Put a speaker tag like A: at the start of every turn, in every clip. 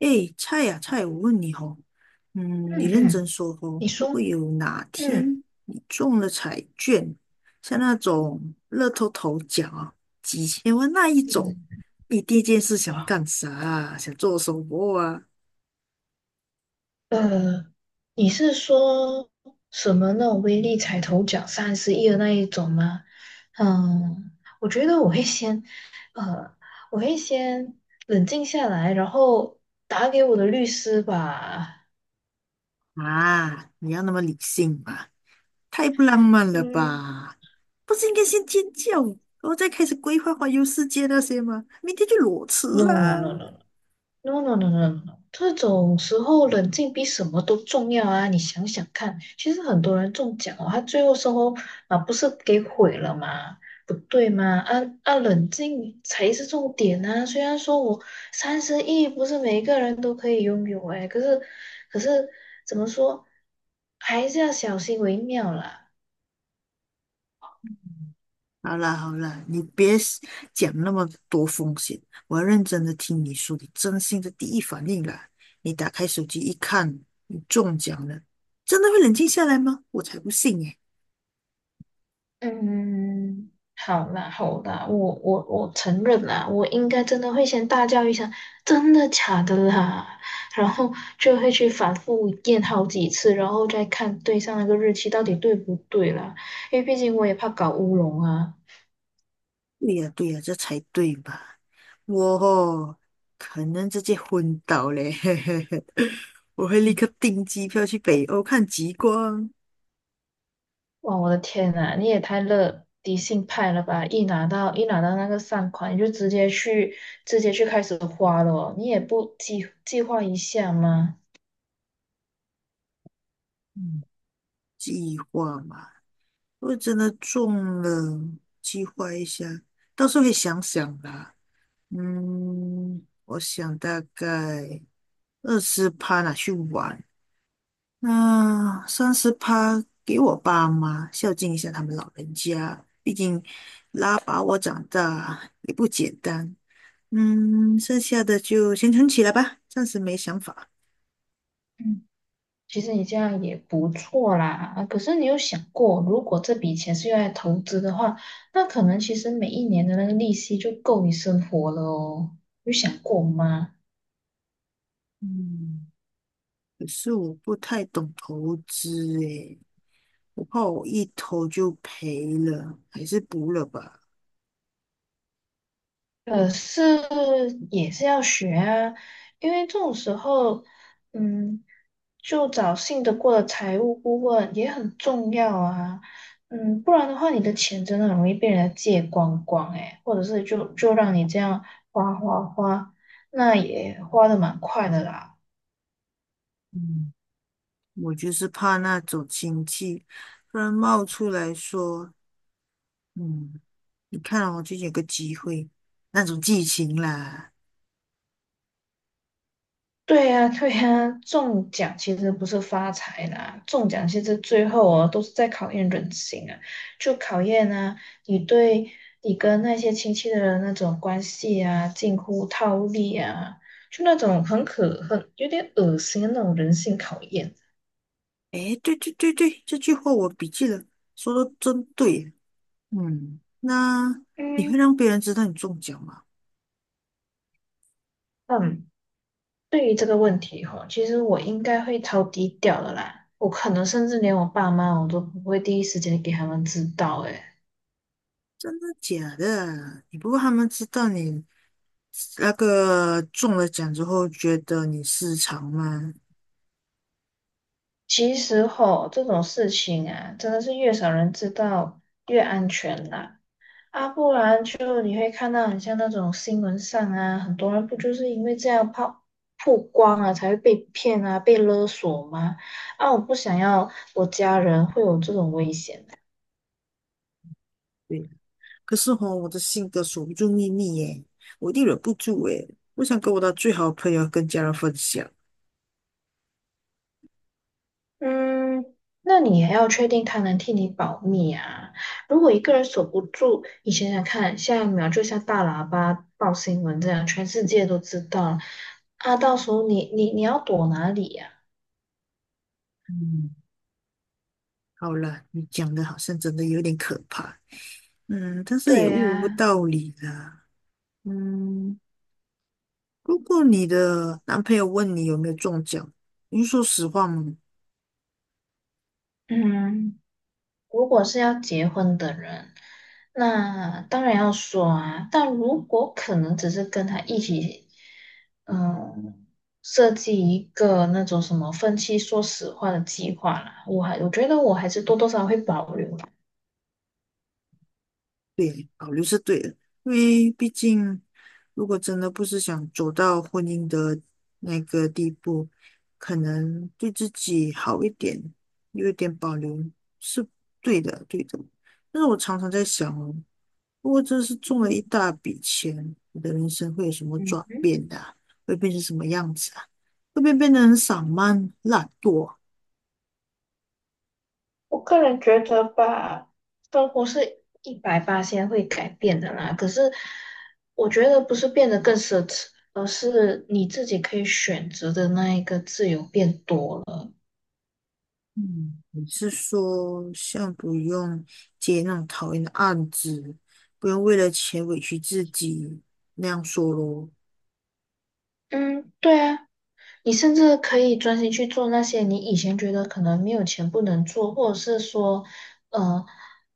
A: 哎，菜呀、菜，我问你哦，嗯，你
B: 嗯
A: 认真
B: 嗯，
A: 说哦，
B: 你
A: 如果
B: 说，
A: 有哪
B: 嗯
A: 天你中了彩券，像那种乐透头奖啊，几千万那一种，
B: 嗯，
A: 你第一件事想要干啥啊想做什么啊？
B: 呃，你是说什么那种威力彩头奖三十亿的那一种吗？嗯，我觉得呃，我会先冷静下来，然后打给我的律师吧。
A: 啊，你要那么理性嘛？太不浪漫了
B: 嗯
A: 吧？不是应该先尖叫，然后再开始规划环游世界那些吗？明天就裸辞
B: ，no
A: 啦！
B: no no No no no no no，no. 这种时候冷静比什么都重要啊！你想想看，其实很多人中奖哦，他最后收候啊，不是给毁了吗？不对吗？啊啊，冷静才是重点啊！虽然说我三十亿不是每个人都可以拥有哎，可是怎么说，还是要小心为妙啦。
A: 好啦好啦，你别讲那么多风险，我要认真的听你说你真心的第一反应啦。你打开手机一看，你中奖了，真的会冷静下来吗？我才不信耶！
B: 嗯，好啦好啦，我承认啦，我应该真的会先大叫一声"真的假的啦"，然后就会去反复验好几次，然后再看对上那个日期到底对不对啦，因为毕竟我也怕搞乌龙啊。
A: 对呀对呀，这才对吧？我哦可能直接昏倒嘞，我会立
B: 嗯
A: 刻订机票去北欧看极光。
B: 哇，我的天呐，你也太乐迪信派了吧！一拿到那个善款，你就直接去开始花了哦，你也不计划一下吗？
A: 嗯，计划嘛，如果真的中了，计划一下，到时候会想想啦。嗯，我想大概20%拿去玩，那30%给我爸妈孝敬一下他们老人家，毕竟拉把我长大也不简单。嗯，剩下的就先存起来吧，暂时没想法。
B: 其实你这样也不错啦，啊可是你有想过，如果这笔钱是用来投资的话，那可能其实每一年的那个利息就够你生活了哦，有想过吗？
A: 嗯，可是我不太懂投资诶，我怕我一投就赔了，还是不了吧。
B: 可是也是要学啊，因为这种时候，嗯，就找信得过的财务顾问也很重要啊，嗯，不然的话，你的钱真的很容易被人家借光光诶，或者是就让你这样花花花，那也花的蛮快的啦。
A: 嗯，我就是怕那种亲戚突然冒出来说，嗯，你看哦，最近有个机会，那种剧情啦。
B: 对呀，对呀，中奖其实不是发财啦，中奖其实最后哦都是在考验人性啊，就考验啊你对你跟那些亲戚的人那种关系啊，近乎套利啊，就那种很可恨、有点恶心的那种人性考验。
A: 诶，对对对对，这句话我笔记了，说的真对。嗯，那你会
B: 嗯，
A: 让别人知道你中奖吗？
B: 嗯，对于这个问题哈，其实我应该会超低调的啦，我可能甚至连我爸妈我都不会第一时间给他们知道诶。
A: 真的假的？你不过他们知道你那个中了奖之后，觉得你失常吗？
B: 其实吼，这种事情啊，真的是越少人知道越安全啦。啊，不然就你会看到很像那种新闻上啊，很多人不就是因为这样曝光啊，才会被骗啊，被勒索吗？啊，我不想要我家人会有这种危险。
A: 对。可是吼，我的性格守不住秘密耶，我一定忍不住耶。我想跟我的最好的朋友跟家人分享。
B: 嗯，那你也要确定他能替你保密啊。如果一个人守不住，你想想看，下一秒就像大喇叭报新闻这样，全世界都知道了啊。到时候你要躲哪里呀、
A: 嗯，好了，你讲的好像真的有点可怕。嗯，但是
B: 对
A: 也悟不
B: 呀、
A: 到理啦。嗯，如果你的男朋友问你有没有中奖，你会说实话吗？
B: 嗯。如果是要结婚的人，那当然要说啊。但如果可能只是跟他一起，嗯，设计一个那种什么分期说实话的计划啦，我觉得我还是多多少少会保留啦。
A: 对，保留是对的，因为毕竟如果真的不是想走到婚姻的那个地步，可能对自己好一点，有一点保留是对的，对的。但是我常常在想哦，如果真是中了一
B: 嗯
A: 大笔钱，我的人生会有什么
B: 嗯
A: 转
B: 哼，
A: 变的啊，会变成什么样子啊？会不会变得很散漫、懒惰啊。
B: 我个人觉得吧，生活是一百八先会改变的啦。可是我觉得不是变得更奢侈，而是你自己可以选择的那一个自由变多了。
A: 嗯，你是说像不用接那种讨厌的案子，不用为了钱委屈自己那样说咯？
B: 嗯，对啊，你甚至可以专心去做那些你以前觉得可能没有钱不能做，或者是说，呃，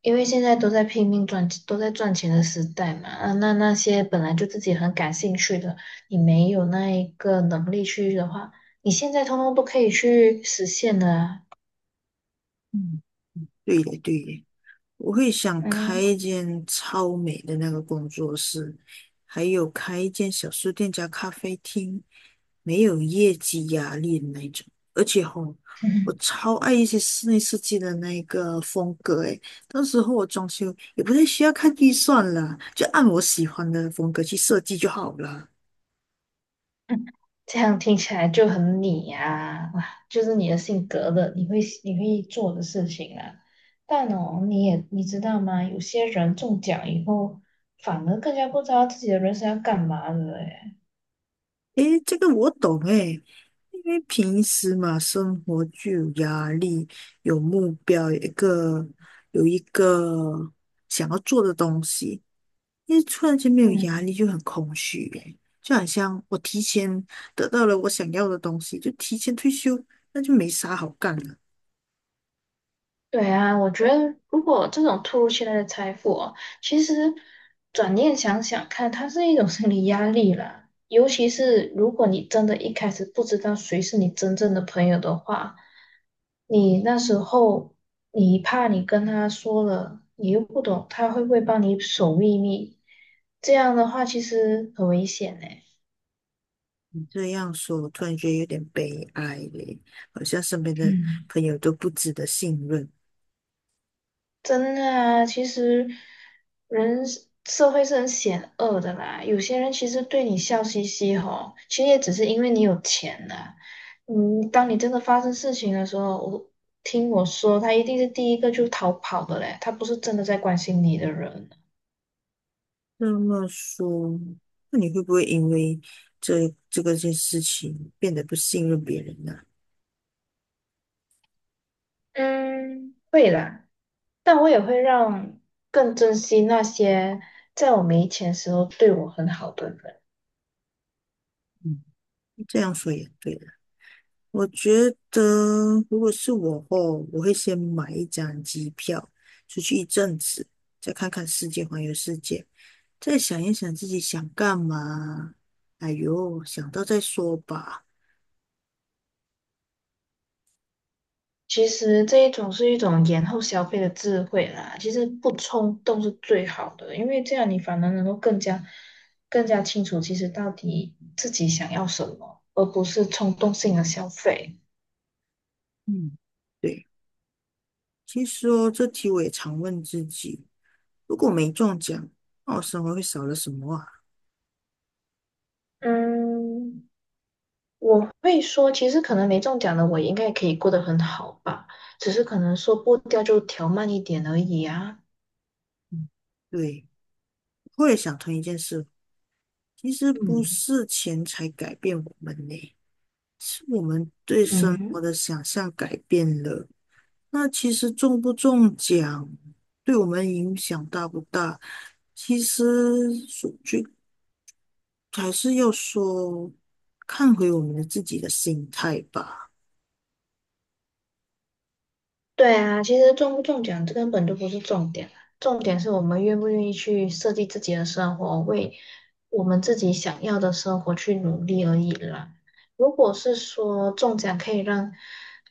B: 因为现在都在拼命赚，都在赚钱的时代嘛，啊那些本来就自己很感兴趣的，你没有那一个能力去的话，你现在通通都可以去实现的啊。
A: 嗯，对的，对的。我会想
B: 嗯，
A: 开一间超美的那个工作室，还有开一间小书店加咖啡厅，没有业绩压力的那种。而且吼，我 超爱一些室内设计的那个风格诶，到时候我装修也不太需要看预算了，就按我喜欢的风格去设计就好了。
B: 这样听起来就很你呀、哇，就是你的性格的，你会做的事情啊。但哦，你知道吗？有些人中奖以后，反而更加不知道自己的人生要干嘛了诶。
A: 诶，这个我懂诶，因为平时嘛，生活就有压力，有目标，有一个想要做的东西，因为突然间没有压
B: 嗯。
A: 力就很空虚诶，就好像我提前得到了我想要的东西，就提前退休，那就没啥好干了。
B: 对啊，我觉得如果这种突如其来的财富哦，其实转念想想看，它是一种心理压力啦。尤其是如果你真的一开始不知道谁是你真正的朋友的话，你那时候你怕你跟他说了，你又不懂他会不会帮你守秘密，这样的话其实很危险呢。
A: 你这样说，我突然觉得有点悲哀嘞，好像身边的
B: 嗯。
A: 朋友都不值得信任。
B: 真的啊，其实社会是很险恶的啦。有些人其实对你笑嘻嘻吼，其实也只是因为你有钱啦。嗯，当你真的发生事情的时候，听我说，他一定是第一个就逃跑的嘞，他不是真的在关心你的人。
A: 这么说，那你会不会因为这个件事情变得不信任别人呢？
B: 嗯，会啦，但我也会让更珍惜那些在我没钱时候对我很好的人。
A: 嗯，这样说也对了。我觉得如果是我哦，我会先买一张机票出去一阵子，再看看世界，环游世界，再想一想自己想干嘛。哎呦，想到再说吧。
B: 其实这一种是一种延后消费的智慧啦。其实不冲动是最好的，因为这样你反而能够更加清楚，其实到底自己想要什么，而不是冲动性的消费。
A: 嗯，对，其实哦，这题我也常问自己，如果没中奖，那我生活会少了什么啊？
B: 嗯，我会说，其实可能没中奖的我应该也可以过得很好吧，只是可能说步调就调慢一点而已啊。
A: 嗯，对，我也想通一件事，其实不
B: 嗯
A: 是钱财改变我们呢，是我们对生
B: 嗯
A: 活
B: 哼。
A: 的想象改变了。那其实中不中奖，对我们影响大不大，其实说句还是要说，看回我们的自己的心态吧。
B: 对啊，其实中不中奖这根本就不是重点啊，重点是我们愿不愿意去设计自己的生活，为我们自己想要的生活去努力而已啦。如果是说中奖可以让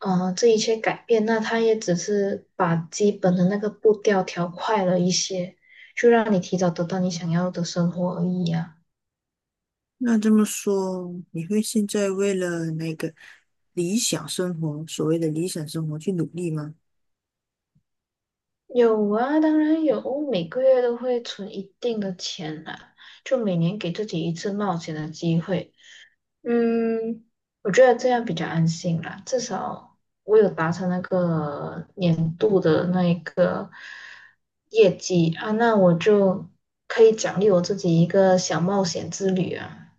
B: 这一切改变，那他也只是把基本的那个步调调快了一些，就让你提早得到你想要的生活而已啊。
A: 那这么说，你会现在为了那个理想生活，所谓的理想生活去努力吗？
B: 有啊，当然有，每个月都会存一定的钱啦，就每年给自己一次冒险的机会。嗯，我觉得这样比较安心啦，至少我有达成那个年度的那一个业绩啊，那我就可以奖励我自己一个小冒险之旅啊。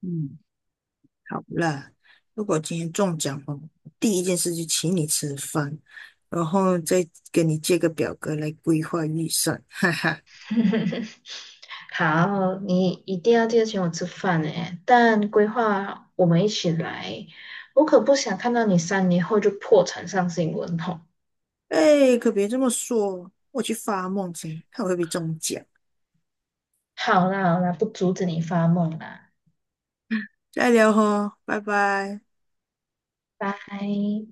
A: 嗯。好啦，如果今天中奖哦，第一件事就请你吃饭，然后再跟你借个表格来规划预算，哈哈。
B: 好，你一定要记得请我吃饭诶，但规划我们一起来，我可不想看到你3年后就破产上新闻哦。
A: 哎，可别这么说，我去发梦先，看我会不会中奖。
B: 好啦好啦，不阻止你发梦啦，
A: 再聊哦，拜拜。
B: 拜。